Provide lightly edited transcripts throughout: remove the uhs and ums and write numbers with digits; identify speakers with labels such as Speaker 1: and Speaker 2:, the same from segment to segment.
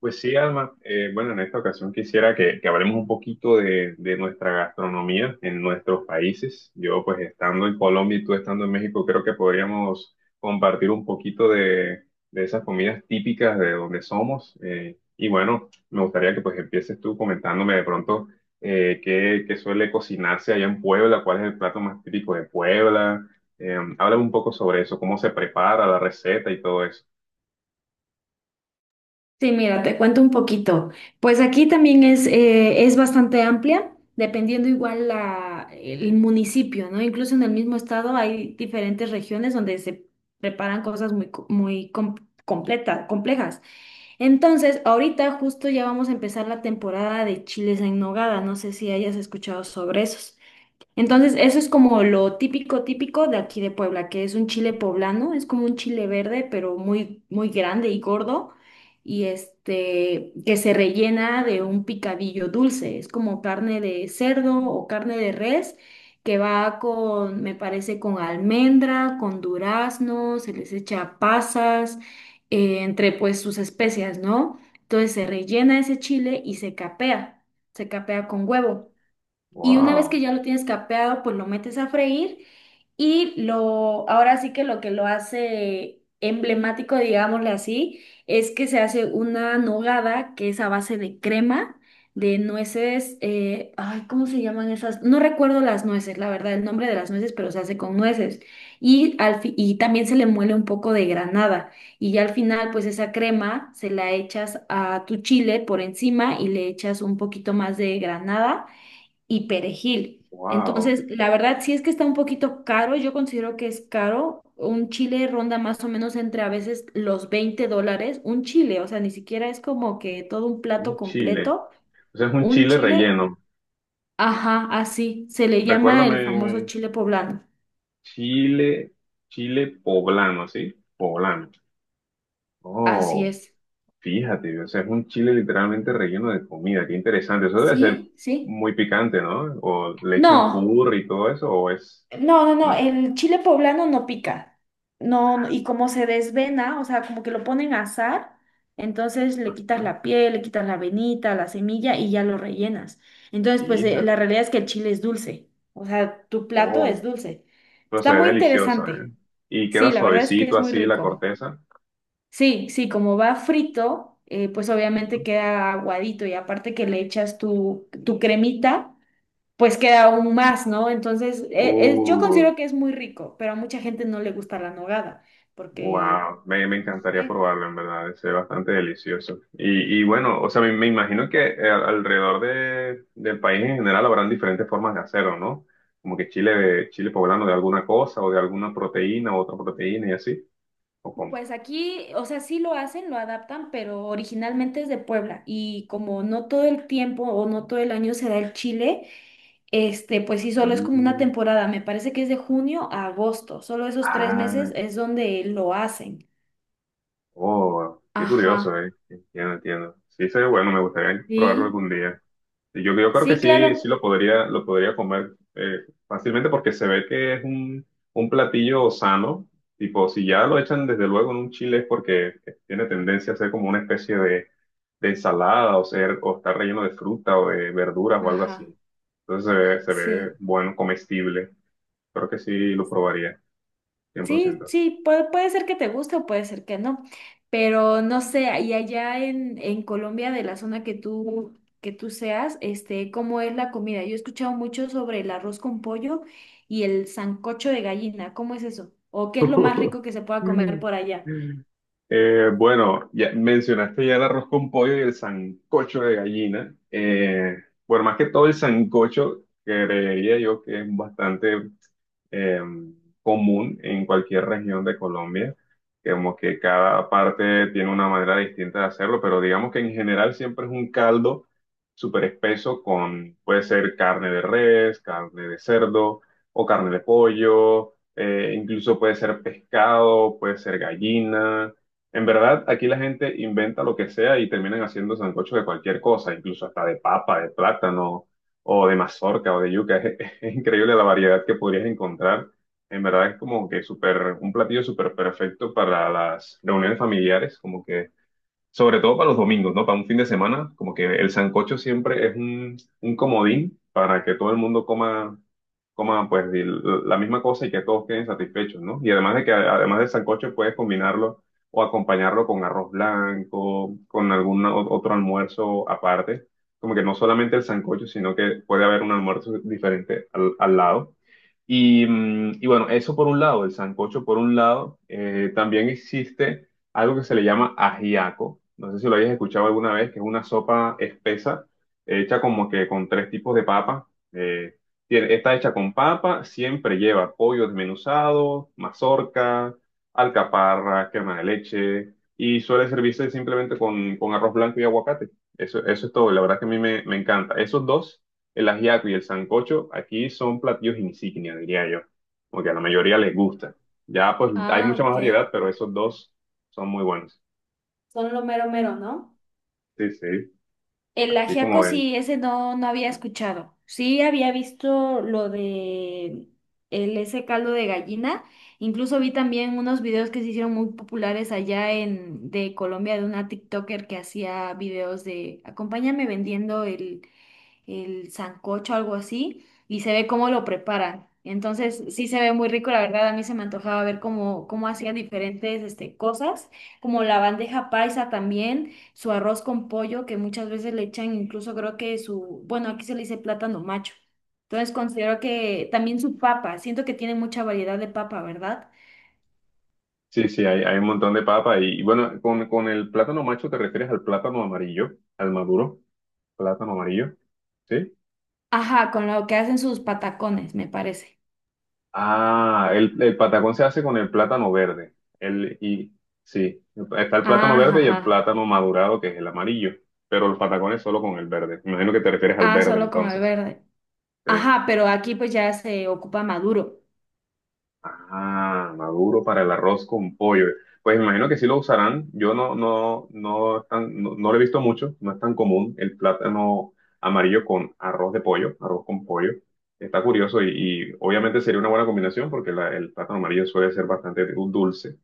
Speaker 1: Pues sí, Alma. Bueno, en esta ocasión quisiera que hablemos un poquito de nuestra gastronomía en nuestros países. Yo, pues estando en Colombia y tú estando en México, creo que podríamos compartir un poquito de esas comidas típicas de donde somos. Y bueno, me gustaría que pues empieces tú comentándome de pronto qué suele cocinarse allá en Puebla, cuál es el plato más típico de Puebla. Háblame un poco sobre eso, cómo se prepara la receta y todo eso.
Speaker 2: Sí, mira, te cuento un poquito. Pues aquí también es bastante amplia, dependiendo igual el municipio, ¿no? Incluso en el mismo estado hay diferentes regiones donde se preparan cosas muy, complejas. Entonces, ahorita justo ya vamos a empezar la temporada de chiles en nogada. No sé si hayas escuchado sobre esos. Entonces, eso es como lo típico, típico de aquí de Puebla, que es un chile poblano, es como un chile verde, pero muy, muy grande y gordo, y este, que se rellena de un picadillo dulce, es como carne de cerdo o carne de res, que va con, me parece, con almendra, con durazno, se les echa pasas, entre pues sus especias, ¿no? Entonces se rellena ese chile y se capea con huevo. Y una vez que
Speaker 1: Wow,
Speaker 2: ya lo tienes capeado, pues lo metes a freír ahora sí que lo hace emblemático, digámosle así, es que se hace una nogada que es a base de crema, de nueces, ay, ¿cómo se llaman esas? No recuerdo las nueces, la verdad, el nombre de las nueces, pero se hace con nueces. Y, y también se le muele un poco de granada. Y ya al final, pues esa crema se la echas a tu chile por encima y le echas un poquito más de granada y perejil.
Speaker 1: wow,
Speaker 2: Entonces, la verdad, sí es que está un poquito caro, yo considero que es caro. Un chile ronda más o menos entre a veces los $20, un chile, o sea, ni siquiera es como que todo un plato
Speaker 1: un chile.
Speaker 2: completo,
Speaker 1: Ese es un
Speaker 2: un
Speaker 1: chile
Speaker 2: chile,
Speaker 1: relleno.
Speaker 2: ajá, así, se le llama el famoso
Speaker 1: Recuérdame,
Speaker 2: chile poblano,
Speaker 1: chile, chile poblano, ¿sí? Poblano.
Speaker 2: así
Speaker 1: Oh,
Speaker 2: es.
Speaker 1: fíjate, o sea, es un chile literalmente relleno de comida. Qué interesante. Eso debe ser
Speaker 2: ¿Sí? ¿Sí?
Speaker 1: muy picante, ¿no? O le echan
Speaker 2: No.
Speaker 1: curry y todo eso, o es...
Speaker 2: No, no, no,
Speaker 1: No.
Speaker 2: el chile poblano no pica. No, no, y como se desvena, o sea, como que lo ponen a asar, entonces le quitas
Speaker 1: Ajá.
Speaker 2: la piel, le quitas la venita, la semilla y ya lo rellenas. Entonces, pues la
Speaker 1: Fíjate.
Speaker 2: realidad es que el chile es dulce. O sea, tu plato
Speaker 1: Oh,
Speaker 2: es dulce.
Speaker 1: pero se
Speaker 2: Está
Speaker 1: ve
Speaker 2: muy
Speaker 1: delicioso, ¿eh?
Speaker 2: interesante.
Speaker 1: Y
Speaker 2: Sí,
Speaker 1: queda
Speaker 2: la verdad es que
Speaker 1: suavecito
Speaker 2: es muy
Speaker 1: así la
Speaker 2: rico.
Speaker 1: corteza.
Speaker 2: Sí, sí, como va frito, pues obviamente
Speaker 1: Ujú.
Speaker 2: queda aguadito y aparte que le echas tu cremita pues queda aún más, ¿no? Entonces, yo
Speaker 1: Uh,
Speaker 2: considero que es muy rico, pero a mucha gente no le gusta la nogada, porque,
Speaker 1: Wow, me
Speaker 2: no
Speaker 1: encantaría
Speaker 2: sé,
Speaker 1: probarlo, en verdad, debe ser bastante delicioso. Y bueno, o sea, me imagino que alrededor de, del país en general habrán diferentes formas de hacerlo, ¿no? Como que chile, chile poblano de alguna cosa o de alguna proteína u otra proteína y así, o como.
Speaker 2: pues aquí, o sea, sí lo hacen, lo adaptan, pero originalmente es de Puebla y como no todo el tiempo o no todo el año se da el chile, este, pues sí, solo es como una
Speaker 1: Mm,
Speaker 2: temporada, me parece que es de junio a agosto, solo esos tres
Speaker 1: ah,
Speaker 2: meses es donde lo hacen.
Speaker 1: oh, qué curioso,
Speaker 2: Ajá,
Speaker 1: ¿eh? Entiendo, entiendo. Sí, sería bueno, me gustaría probarlo
Speaker 2: sí,
Speaker 1: algún día. Yo creo que
Speaker 2: sí,
Speaker 1: sí, sí
Speaker 2: claro,
Speaker 1: lo podría comer fácilmente porque se ve que es un platillo sano. Tipo, si ya lo echan desde luego en un chile es porque tiene tendencia a ser como una especie de ensalada o ser, o estar relleno de fruta o de verduras o algo
Speaker 2: ajá,
Speaker 1: así. Entonces se ve
Speaker 2: sí.
Speaker 1: bueno, comestible. Creo que sí lo probaría, cien por
Speaker 2: Sí,
Speaker 1: ciento.
Speaker 2: sí, puede, puede ser que te guste o puede ser que no, pero no sé, y allá en Colombia, de la zona que que tú seas, este, ¿cómo es la comida? Yo he escuchado mucho sobre el arroz con pollo y el sancocho de gallina, ¿cómo es eso? ¿O qué es lo más rico que se pueda comer por allá?
Speaker 1: Bueno, ya mencionaste ya el arroz con pollo y el sancocho de gallina. Bueno, más que todo el sancocho, creería yo que es bastante eh, común en cualquier región de Colombia, como que cada parte tiene una manera distinta de hacerlo, pero digamos que en general siempre es un caldo súper espeso con, puede ser carne de res, carne de cerdo o carne de pollo, incluso puede ser pescado, puede ser gallina. En verdad, aquí la gente inventa lo que sea y terminan haciendo sancocho de cualquier cosa, incluso hasta de papa, de plátano, o de mazorca, o de yuca. Es, increíble la variedad que podrías encontrar. En verdad es como que súper, un platillo súper perfecto para las reuniones familiares, como que sobre todo para los domingos, ¿no? Para un fin de semana, como que el sancocho siempre es un comodín para que todo el mundo coma, coma pues el- la misma cosa y que todos queden satisfechos, ¿no? Y además de que además del sancocho puedes combinarlo o acompañarlo con arroz blanco, con otro almuerzo aparte, como que no solamente el sancocho, sino que puede haber un almuerzo diferente al, al lado. Y, mm, y bueno, eso por un lado, el sancocho por un lado. También existe algo que se le llama ajiaco. No sé si lo hayas escuchado alguna vez, que es una sopa espesa hecha como que con tres tipos de papa. Eh, está hecha con papa, siempre lleva pollo desmenuzado, mazorca, alcaparra, crema de leche y suele servirse simplemente con arroz blanco y aguacate. Eso es todo. La verdad que a mí me, me encanta. Esos dos, el ajiaco y el sancocho, aquí son platillos insignia, diría yo, porque a la mayoría les gusta. Ya pues hay
Speaker 2: Ah,
Speaker 1: mucha más
Speaker 2: ok,
Speaker 1: variedad, pero esos dos son muy buenos.
Speaker 2: son lo mero mero, ¿no?
Speaker 1: Sí, sí,
Speaker 2: El
Speaker 1: así como
Speaker 2: ajiaco
Speaker 1: ven.
Speaker 2: sí, ese no, no había escuchado. Sí había visto lo de el, ese caldo de gallina. Incluso vi también unos videos que se hicieron muy populares allá en de Colombia de una TikToker que hacía videos de acompáñame vendiendo el sancocho, algo así, y se ve cómo lo preparan. Entonces, sí se ve muy rico, la verdad, a mí se me antojaba ver cómo, cómo hacían diferentes este, cosas, como la bandeja paisa también, su arroz con pollo, que muchas veces le echan incluso creo que su, bueno, aquí se le dice plátano macho. Entonces considero que también su papa, siento que tiene mucha variedad de papa, ¿verdad?
Speaker 1: Sí, sí, hay un montón de papa y bueno, con el plátano macho te refieres al plátano amarillo, al maduro, plátano amarillo, ¿sí?
Speaker 2: Ajá, con lo que hacen sus patacones, me parece.
Speaker 1: Ah, el patacón se hace con el plátano verde. El, y, sí, está el plátano
Speaker 2: Ajá,
Speaker 1: verde y el
Speaker 2: ajá.
Speaker 1: plátano madurado, que es el amarillo. Pero el patacón es solo con el verde. Me imagino que te refieres al
Speaker 2: Ah,
Speaker 1: verde
Speaker 2: solo con el
Speaker 1: entonces.
Speaker 2: verde.
Speaker 1: Sí.
Speaker 2: Ajá, pero aquí pues ya se ocupa maduro.
Speaker 1: Ah, maduro para el arroz con pollo. Pues me imagino que sí lo usarán. Yo no, no, no, no, no lo he visto mucho. No es tan común el plátano amarillo con arroz de pollo, arroz con pollo. Está curioso y obviamente sería una buena combinación porque el plátano amarillo suele ser bastante dulce.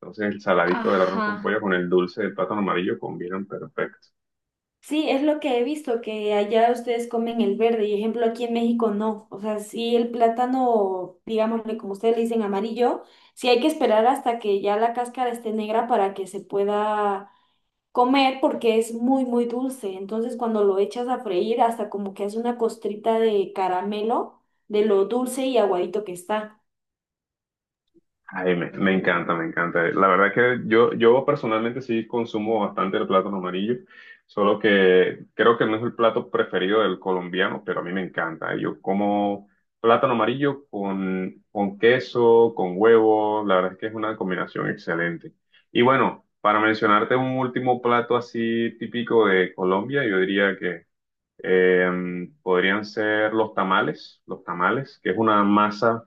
Speaker 1: Entonces el saladito del arroz con
Speaker 2: Ajá.
Speaker 1: pollo con el dulce del plátano amarillo combinan perfecto.
Speaker 2: Sí, es lo que he visto, que allá ustedes comen el verde, y ejemplo aquí en México no. O sea, sí el plátano, digámosle como ustedes le dicen amarillo, sí hay que esperar hasta que ya la cáscara esté negra para que se pueda comer porque es muy, muy dulce. Entonces cuando lo echas a freír hasta como que hace una costrita de caramelo de lo dulce y aguadito que está.
Speaker 1: Ay, me encanta, me encanta. La verdad es que yo personalmente sí consumo bastante el plátano amarillo, solo que creo que no es el plato preferido del colombiano, pero a mí me encanta. Yo como plátano amarillo con queso, con huevo, la verdad es que es una combinación excelente. Y bueno, para mencionarte un último plato así típico de Colombia, yo diría que Eh, podrían ser los tamales, que es una masa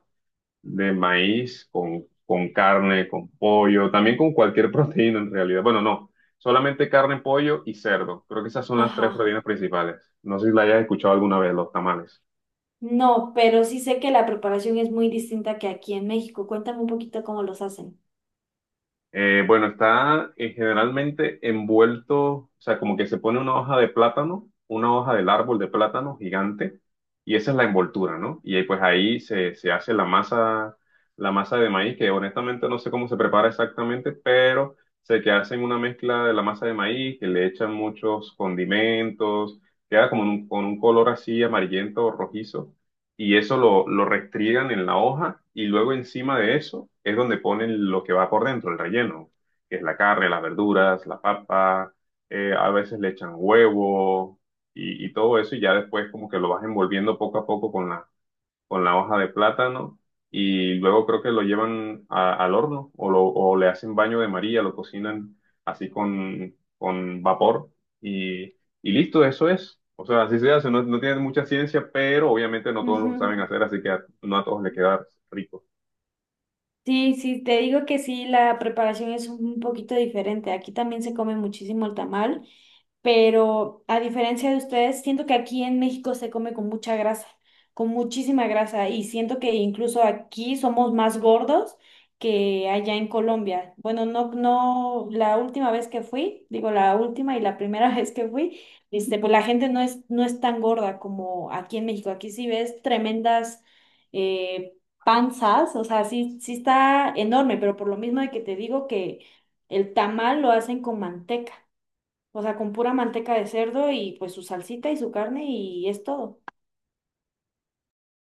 Speaker 1: de maíz con carne, con pollo, también con cualquier proteína en realidad. Bueno, no, solamente carne, pollo y cerdo. Creo que esas son las tres
Speaker 2: Ajá.
Speaker 1: proteínas principales. No sé si la hayas escuchado alguna vez, los tamales.
Speaker 2: No, pero sí sé que la preparación es muy distinta que aquí en México. Cuéntame un poquito cómo los hacen.
Speaker 1: Bueno, está generalmente envuelto, o sea, como que se pone una hoja de plátano, una hoja del árbol de plátano gigante, y esa es la envoltura, ¿no? Y ahí, pues ahí se, se hace la masa de maíz, que honestamente no sé cómo se prepara exactamente, pero sé que hacen una mezcla de la masa de maíz, que le echan muchos condimentos, queda como en con un color así amarillento o rojizo y eso lo restriegan en la hoja y luego encima de eso es donde ponen lo que va por dentro, el relleno, que es la carne, las verduras, la papa, a veces le echan huevo y todo eso y ya después como que lo vas envolviendo poco a poco con la hoja de plátano y luego creo que lo llevan al horno o, o le hacen baño de María, lo cocinan así con vapor y, y listo, eso es. O sea, así se hace, no, no tiene mucha ciencia, pero obviamente no todos lo
Speaker 2: Ujú.
Speaker 1: saben hacer, así que no a todos le queda rico.
Speaker 2: Sí, sí, te digo que sí, la preparación es un poquito diferente. Aquí también se come muchísimo el tamal, pero a diferencia de ustedes, siento que aquí en México se come con mucha grasa, con muchísima grasa, y siento que incluso aquí somos más gordos que allá en Colombia. Bueno, no, no, la última vez que fui, digo la última y la primera vez que fui, este, pues la gente no es, no es tan gorda como aquí en México. Aquí sí ves tremendas eh, panzas, o sea, sí, sí está enorme, pero por lo mismo de que te digo que el tamal lo hacen con manteca. O sea, con pura manteca de cerdo y pues su salsita y su carne y es todo.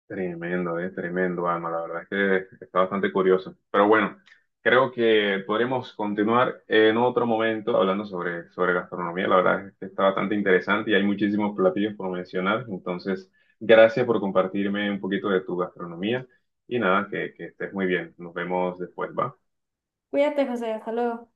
Speaker 1: Tremendo, tremendo, Alma. La verdad es que está bastante curioso. Pero bueno, creo que podremos continuar en otro momento hablando sobre, sobre gastronomía. La verdad es que está bastante interesante y hay muchísimos platillos por mencionar. Entonces, gracias por compartirme un poquito de tu gastronomía y nada, que estés muy bien. Nos vemos después, ¿va?
Speaker 2: Cuídate, José, hasta luego.